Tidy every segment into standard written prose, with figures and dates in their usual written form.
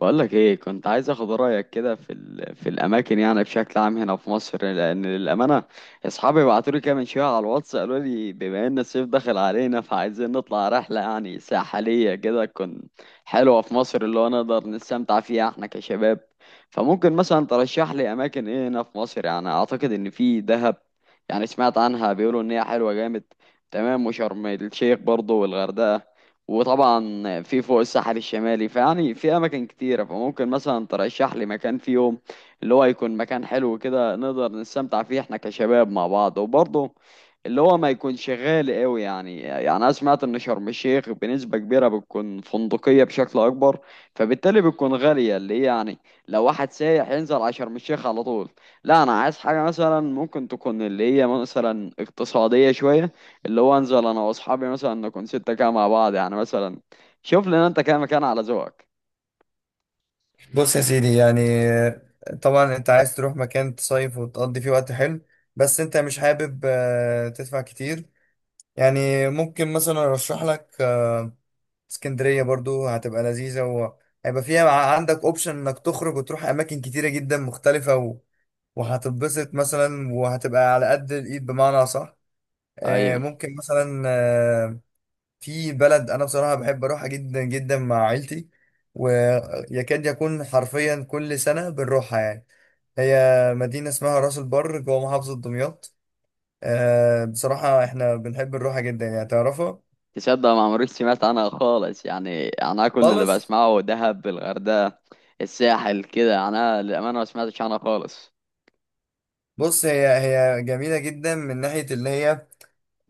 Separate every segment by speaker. Speaker 1: بقولك ايه، كنت عايز اخد رايك كده في الاماكن يعني بشكل عام هنا في مصر، لان للامانه اصحابي بعتوا لي كده من شويه على الواتس، قالوا لي بما ان الصيف داخل علينا فعايزين نطلع رحله يعني ساحليه كده، تكون حلوه في مصر، اللي هو نقدر نستمتع فيها احنا كشباب. فممكن مثلا ترشح لي اماكن ايه هنا في مصر؟ يعني اعتقد ان في دهب، يعني سمعت عنها بيقولوا ان هي حلوه جامد. تمام، وشرم الشيخ برضه، والغردقه، وطبعا في فوق الساحل الشمالي، فيعني في اماكن كتيره. فممكن مثلا ترشح لي مكان في يوم اللي هو يكون مكان حلو كده، نقدر نستمتع فيه احنا كشباب مع بعض، وبرضه اللي هو ما يكونش غالي قوي. يعني انا سمعت ان شرم الشيخ بنسبه كبيره بتكون فندقيه بشكل اكبر، فبالتالي بتكون غاليه، اللي هي يعني لو واحد سايح ينزل على شرم الشيخ على طول. لا انا عايز حاجه مثلا ممكن تكون اللي هي مثلا اقتصاديه شويه، اللي هو انزل انا واصحابي مثلا نكون 6 كده مع بعض، يعني مثلا شوف لنا انت كده مكان على ذوقك.
Speaker 2: بص يا سيدي، يعني طبعا انت عايز تروح مكان تصيف وتقضي فيه وقت حلو. بس انت مش حابب تدفع كتير. يعني ممكن مثلا ارشح لك اسكندرية برضو هتبقى لذيذة، وهيبقى فيها عندك اوبشن انك تخرج وتروح اماكن كتيرة جدا مختلفة وهتتبسط مثلا، وهتبقى على قد الايد، بمعنى صح.
Speaker 1: ايوه.
Speaker 2: ممكن مثلا في بلد انا بصراحه بحب اروحها جدا جدا مع عيلتي، ويكاد يكون حرفيا كل سنه بنروحها يعني. هي مدينه اسمها راس البر جوه محافظه دمياط. بصراحه احنا بنحب نروحها جدا، يعني تعرفها
Speaker 1: تصدق ما عمريش سمعت عنها خالص، يعني انا كل اللي
Speaker 2: خالص.
Speaker 1: بسمعه دهب، الغردقة، الساحل كده، يعني انا للامانة ما سمعتش عنها خالص.
Speaker 2: بص، هي جميله جدا من ناحيه اللي هي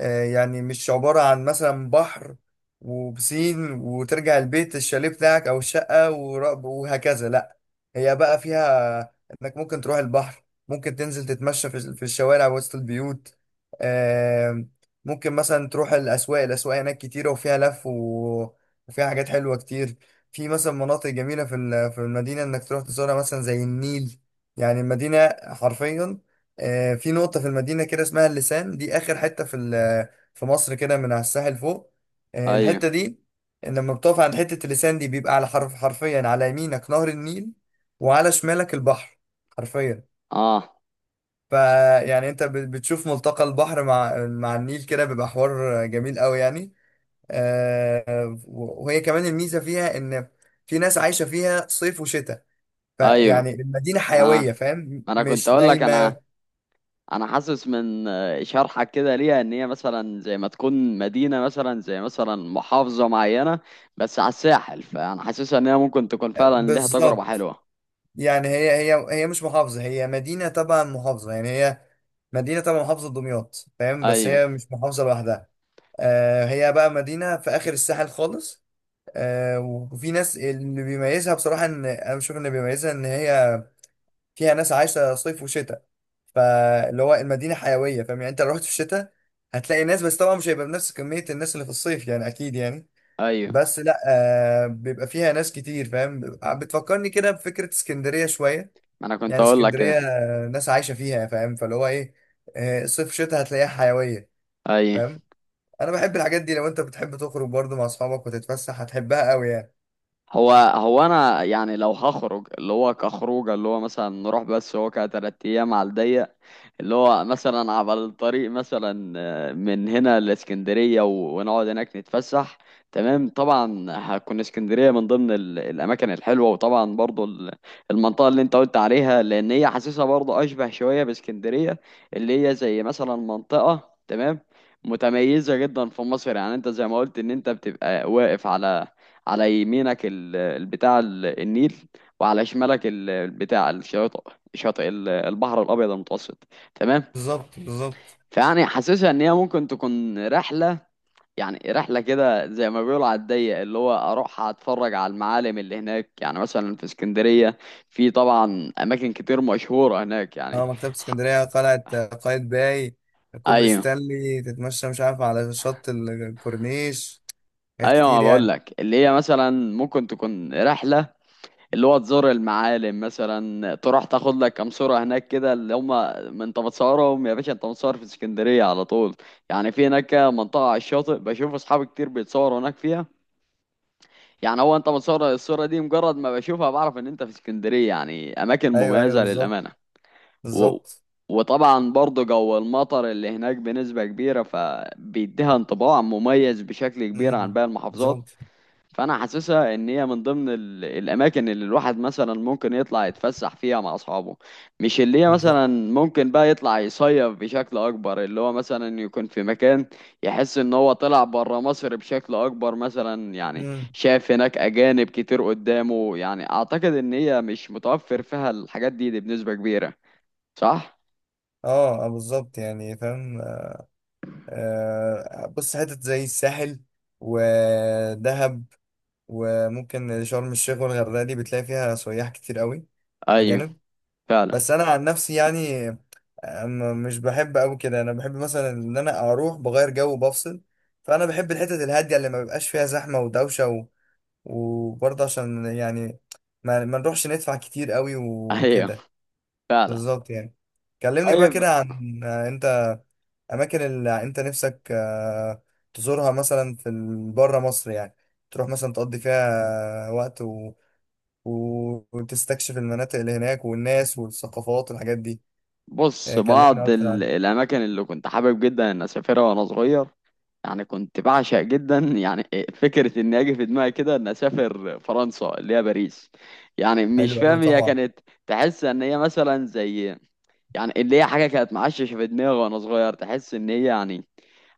Speaker 2: يعني مش عبارة عن مثلا بحر وبسين وترجع البيت الشاليه بتاعك أو الشقة وهكذا، لأ. هي بقى فيها إنك ممكن تروح البحر، ممكن تنزل تتمشى في الشوارع وسط البيوت. آم، ممكن مثلا تروح الأسواق، الأسواق هناك كتيرة وفيها وفيها حاجات حلوة كتير. في مثلا مناطق جميلة في المدينة إنك تروح تزورها، مثلا زي النيل. يعني المدينة حرفيا في نقطة في المدينة كده اسمها اللسان، دي آخر حتة في مصر كده من على الساحل فوق.
Speaker 1: ايوه.
Speaker 2: الحتة دي لما بتقف عند حتة اللسان دي، بيبقى على حرف، حرفيا على يمينك نهر النيل وعلى شمالك البحر، حرفيا.
Speaker 1: اه.
Speaker 2: فيعني انت بتشوف ملتقى البحر مع النيل كده، بيبقى حوار جميل قوي يعني. وهي كمان الميزة فيها ان في ناس عايشة فيها صيف وشتاء، فيعني
Speaker 1: ايوه.
Speaker 2: المدينة حيوية،
Speaker 1: انا
Speaker 2: فاهم،
Speaker 1: انا كنت
Speaker 2: مش
Speaker 1: اقول لك، انا
Speaker 2: نايمة.
Speaker 1: انا حاسس من شرحك كده ليها ان هي مثلا زي ما تكون مدينة، مثلا زي مثلا محافظة معينة بس على الساحل، فانا حاسسها ان هي ممكن تكون فعلا ليها تجربة
Speaker 2: بالظبط.
Speaker 1: حلوة.
Speaker 2: يعني هي مش محافظة، هي مدينة تبع محافظة، يعني هي مدينة تبع محافظة دمياط، فاهم، بس
Speaker 1: ايوه،
Speaker 2: هي مش محافظة لوحدها. هي بقى مدينة في آخر الساحل خالص. وفي ناس اللي بيميزها، بصراحة إن أنا بشوف إن بيميزها إن هي فيها ناس عايشة صيف وشتاء. فاللي هو المدينة حيوية، فاهم، يعني أنت لو رحت في الشتاء هتلاقي ناس، بس طبعا مش هيبقى بنفس كمية الناس اللي في الصيف يعني، أكيد يعني.
Speaker 1: ايوه،
Speaker 2: بس لا، بيبقى فيها ناس كتير، فاهم. بتفكرني كده بفكرة اسكندرية شوية،
Speaker 1: ما انا كنت
Speaker 2: يعني
Speaker 1: اقول لك كده.
Speaker 2: اسكندريه ناس عايشه فيها، فاهم، فاللي هو ايه، صيف شتاء هتلاقيها حيويه،
Speaker 1: ايوه.
Speaker 2: فاهم. انا بحب الحاجات دي، لو انت بتحب تخرج برضو مع اصحابك وتتفسح هتحبها قوي يعني.
Speaker 1: هو انا يعني لو هخرج اللي هو كخروجه، اللي هو مثلا نروح بس هو كتلات ايام على الضيق، اللي هو مثلا على الطريق مثلا من هنا لاسكندريه ونقعد هناك نتفسح. تمام، طبعا هتكون اسكندريه من ضمن الاماكن الحلوه، وطبعا برضو المنطقه اللي انت قلت عليها، لان هي حاسسها برضو اشبه شويه باسكندريه، اللي هي زي مثلا منطقه تمام متميزه جدا في مصر. يعني انت زي ما قلت ان انت بتبقى واقف على يمينك البتاع، النيل، وعلى شمالك البتاع، الشاطئ، شاطئ البحر الابيض المتوسط. تمام.
Speaker 2: بالظبط، بالظبط.
Speaker 1: فيعني حاسسها ان هي ممكن تكون رحله، يعني رحله كده زي ما بيقولوا على الضيق، اللي هو اروح اتفرج على المعالم اللي هناك، يعني مثلا في اسكندريه في طبعا اماكن كتير مشهوره هناك يعني.
Speaker 2: اه، مكتبة
Speaker 1: ح-
Speaker 2: اسكندرية، قلعة قايتباي، كوبري
Speaker 1: ايوه.
Speaker 2: ستانلي، تتمشى مش عارف على شط الكورنيش، حاجات
Speaker 1: ايوه، ما
Speaker 2: كتير
Speaker 1: بقول
Speaker 2: يعني.
Speaker 1: لك اللي هي مثلا ممكن تكون رحله، اللي هو تزور المعالم، مثلا تروح تاخد لك كام صورة هناك كده، اللي هما ما انت بتصورهم يا باشا، انت متصور في اسكندرية على طول. يعني في هناك منطقة على الشاطئ بشوف اصحابي كتير بيتصوروا هناك فيها. يعني هو انت متصور الصورة دي، مجرد ما بشوفها بعرف ان انت في اسكندرية، يعني اماكن
Speaker 2: ايوه، ايوه،
Speaker 1: مميزة للأمانة.
Speaker 2: بالظبط،
Speaker 1: و...
Speaker 2: بالظبط.
Speaker 1: وطبعا برضه جو المطر اللي هناك بنسبة كبيرة، فبيديها انطباع مميز بشكل كبير عن
Speaker 2: مم.
Speaker 1: باقي المحافظات.
Speaker 2: بالظبط،
Speaker 1: فانا حاسسها ان هي من ضمن الاماكن اللي الواحد مثلا ممكن يطلع يتفسح فيها مع اصحابه، مش اللي هي
Speaker 2: بالظبط.
Speaker 1: مثلا ممكن بقى يطلع يصيف بشكل اكبر، اللي هو مثلا يكون في مكان يحس ان هو طلع بره مصر بشكل اكبر مثلا. يعني
Speaker 2: مم.
Speaker 1: شاف هناك اجانب كتير قدامه، يعني اعتقد ان هي مش متوفر فيها الحاجات دي بنسبة كبيرة، صح؟
Speaker 2: اه بالظبط يعني، فاهم. بص حتت زي الساحل ودهب، وممكن شرم الشيخ والغردقة، دي بتلاقي فيها سياح كتير قوي،
Speaker 1: ايوه،
Speaker 2: أجانب.
Speaker 1: فعلا.
Speaker 2: بس أنا عن نفسي يعني مش بحب أوي كده. أنا بحب مثلا إن أنا أروح بغير جو بفصل، فأنا بحب الحتت الهادية اللي ما بيبقاش فيها زحمة ودوشة وبرضه عشان يعني ما نروحش ندفع كتير قوي
Speaker 1: ايوه،
Speaker 2: وكده.
Speaker 1: فعلا.
Speaker 2: بالظبط يعني. كلمني بقى
Speaker 1: طيب،
Speaker 2: كده عن آه، أنت اماكن اللي انت نفسك تزورها مثلا في بره مصر يعني، تروح مثلا تقضي فيها وقت و... وتستكشف المناطق اللي هناك والناس والثقافات والحاجات دي.
Speaker 1: بص،
Speaker 2: كلمنا
Speaker 1: بعض
Speaker 2: اكتر عن.
Speaker 1: الاماكن اللي كنت حابب جدا ان اسافرها وانا صغير، يعني كنت بعشق جدا يعني فكرة إن أجي في دماغي كده إن أسافر فرنسا، اللي هي باريس. يعني مش
Speaker 2: حلو قوي
Speaker 1: فاهم، هي
Speaker 2: طبعا.
Speaker 1: كانت تحس إن هي مثلا زي، يعني اللي هي حاجة كانت معششة في دماغي وأنا صغير، تحس إن هي يعني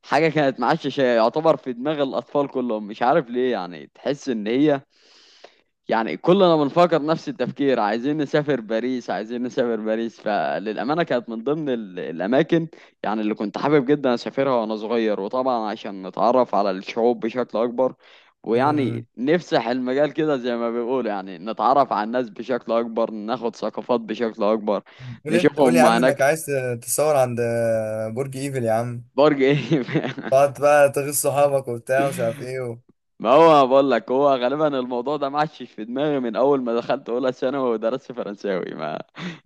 Speaker 1: حاجة كانت معششة يعتبر في دماغ الأطفال كلهم، مش عارف ليه. يعني تحس إن هي يعني كلنا بنفكر نفس التفكير، عايزين نسافر باريس، عايزين نسافر باريس. فللأمانة كانت من ضمن الأماكن يعني اللي كنت حابب جدا أسافرها وأنا صغير، وطبعا عشان نتعرف على الشعوب بشكل أكبر، ويعني
Speaker 2: امم
Speaker 1: نفسح المجال كده زي ما بيقولوا، يعني نتعرف على الناس بشكل أكبر، ناخد ثقافات بشكل أكبر،
Speaker 2: قول انت، قول يا
Speaker 1: نشوفهم
Speaker 2: عم انك
Speaker 1: هناك.
Speaker 2: عايز تصور عند برج ايفل يا عم،
Speaker 1: برج إيه؟
Speaker 2: تقعد بقى تغيظ صحابك وبتاع ومش عارف ايه
Speaker 1: ما هو بقول لك هو غالبا الموضوع ده معش في دماغي من اول ما دخلت اولى ثانوي ودرست فرنساوي، ما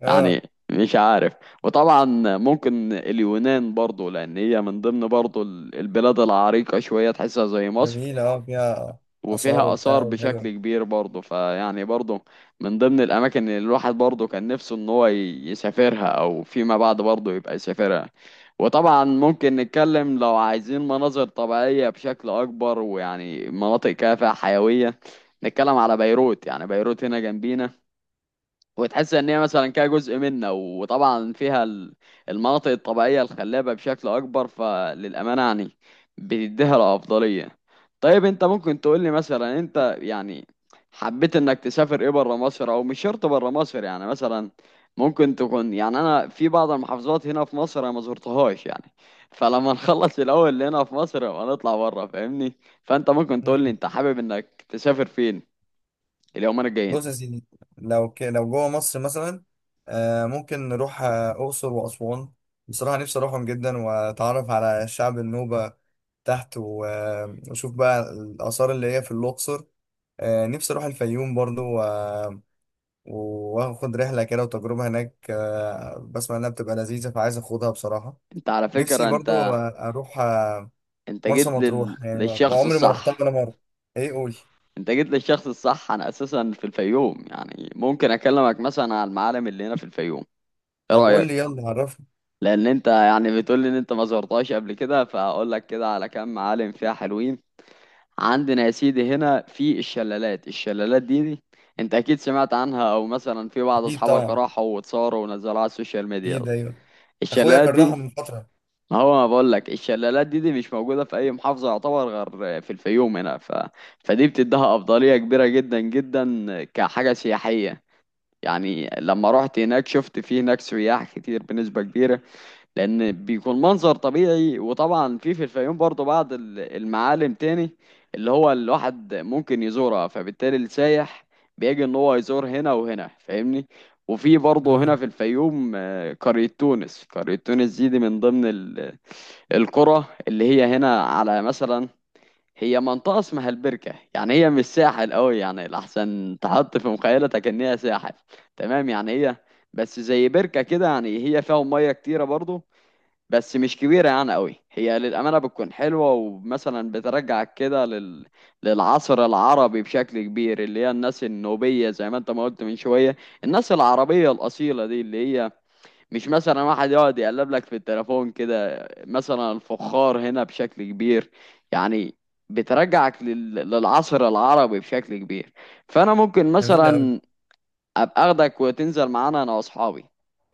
Speaker 2: اه،
Speaker 1: يعني مش عارف. وطبعا ممكن اليونان برضو، لان هي من ضمن برضو البلاد العريقة شوية، تحسها زي مصر،
Speaker 2: جميلة، اه فيها آثار
Speaker 1: وفيها
Speaker 2: وبتاع
Speaker 1: آثار بشكل
Speaker 2: وحلوة.
Speaker 1: كبير برضه، فيعني برضه من ضمن الأماكن اللي الواحد برضه كان نفسه إن هو يسافرها، أو فيما بعد برضه يبقى يسافرها. وطبعا ممكن نتكلم لو عايزين مناظر طبيعية بشكل أكبر ويعني مناطق كافة حيوية، نتكلم على بيروت، يعني بيروت هنا جنبينا، وتحس ان هي مثلا كده جزء منا، وطبعا فيها المناطق الطبيعيه الخلابه بشكل اكبر، فللامانه يعني بتديها الافضليه. طيب، انت ممكن تقول لي مثلا انت يعني حبيت انك تسافر ايه بره مصر، او مش شرط بره مصر يعني، مثلا ممكن تكون يعني انا في بعض المحافظات هنا في مصر انا ما زرتهاش، يعني فلما نخلص الاول اللي هنا في مصر يبقى نطلع بره، فاهمني؟ فانت ممكن تقول لي انت حابب انك تسافر فين اليومين الجايين؟
Speaker 2: بص يا سيدي، لو جوه مصر مثلا ممكن نروح أقصر وأسوان. بصراحة نفسي أروحهم جدا وأتعرف على الشعب النوبة تحت وأشوف بقى الآثار اللي هي في الأقصر. نفسي أروح الفيوم برضو وآخد رحلة كده وتجربة هناك، بسمع إنها بتبقى لذيذة، فعايز أخدها بصراحة.
Speaker 1: انت على
Speaker 2: نفسي
Speaker 1: فكره،
Speaker 2: برضو
Speaker 1: انت
Speaker 2: أروح
Speaker 1: انت
Speaker 2: مرسى
Speaker 1: جيت
Speaker 2: مطروح، يعني
Speaker 1: للشخص
Speaker 2: عمري ما رحتها
Speaker 1: الصح،
Speaker 2: ولا مرة. إيه، قولي.
Speaker 1: انت جيت للشخص الصح. انا اساسا في الفيوم، يعني ممكن اكلمك مثلا على المعالم اللي هنا في الفيوم. ايه
Speaker 2: طب قولي
Speaker 1: رايك؟
Speaker 2: يلا عرفني.
Speaker 1: لان انت يعني بتقول لي ان انت ما زرتهاش قبل كده، فاقول لك كده على كام معالم فيها حلوين. عندنا يا سيدي هنا في الشلالات دي انت اكيد سمعت عنها، او مثلا في بعض
Speaker 2: أكيد
Speaker 1: اصحابك
Speaker 2: طبعا،
Speaker 1: راحوا واتصوروا ونزلوها على السوشيال ميديا.
Speaker 2: اكيد ايوه. اخويا
Speaker 1: الشلالات
Speaker 2: كرهها
Speaker 1: دي،
Speaker 2: من فتره.
Speaker 1: ما هو ما بقول لك الشلالات دي مش موجودة في أي محافظة يعتبر غير في الفيوم هنا، فدي بتديها أفضلية كبيرة جدا جدا كحاجة سياحية. يعني لما رحت هناك شفت في هناك سياح كتير بنسبة كبيرة، لأن بيكون منظر طبيعي. وطبعا في الفيوم برضو بعض المعالم تاني اللي هو الواحد ممكن يزورها، فبالتالي السايح بيجي إن هو يزور هنا وهنا، فاهمني؟ وفي برضه هنا
Speaker 2: آه.
Speaker 1: في الفيوم قرية تونس دي من ضمن القرى اللي هي هنا على مثلا، هي منطقة اسمها البركة. يعني هي مش ساحل قوي، يعني لحسن تحط في مخيلتك ان هي ساحل، تمام؟ يعني هي بس زي بركة كده، يعني هي فيها مية كتيرة برضو، بس مش كبيرة يعني قوي. هي للأمانة بتكون حلوة، ومثلا بترجعك كده للعصر العربي بشكل كبير، اللي هي الناس النوبية زي ما انت ما قلت من شوية، الناس العربية الأصيلة دي، اللي هي مش مثلا واحد يقعد يقلب لك في التليفون كده. مثلا الفخار هنا بشكل كبير، يعني بترجعك للعصر العربي بشكل كبير. فانا ممكن
Speaker 2: جميله قوي.
Speaker 1: مثلا ابقى اخدك وتنزل معانا انا واصحابي،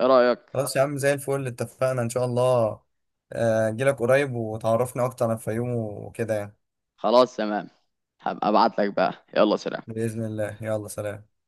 Speaker 1: ايه رأيك؟
Speaker 2: خلاص يا عم، زي الفل اتفقنا ان شاء الله. اجيلك قريب وتعرفنا اكتر عن الفيوم وكده يعني.
Speaker 1: خلاص تمام، هبقى ابعت لك بقى، يلا سلام.
Speaker 2: باذن الله، يلا سلام.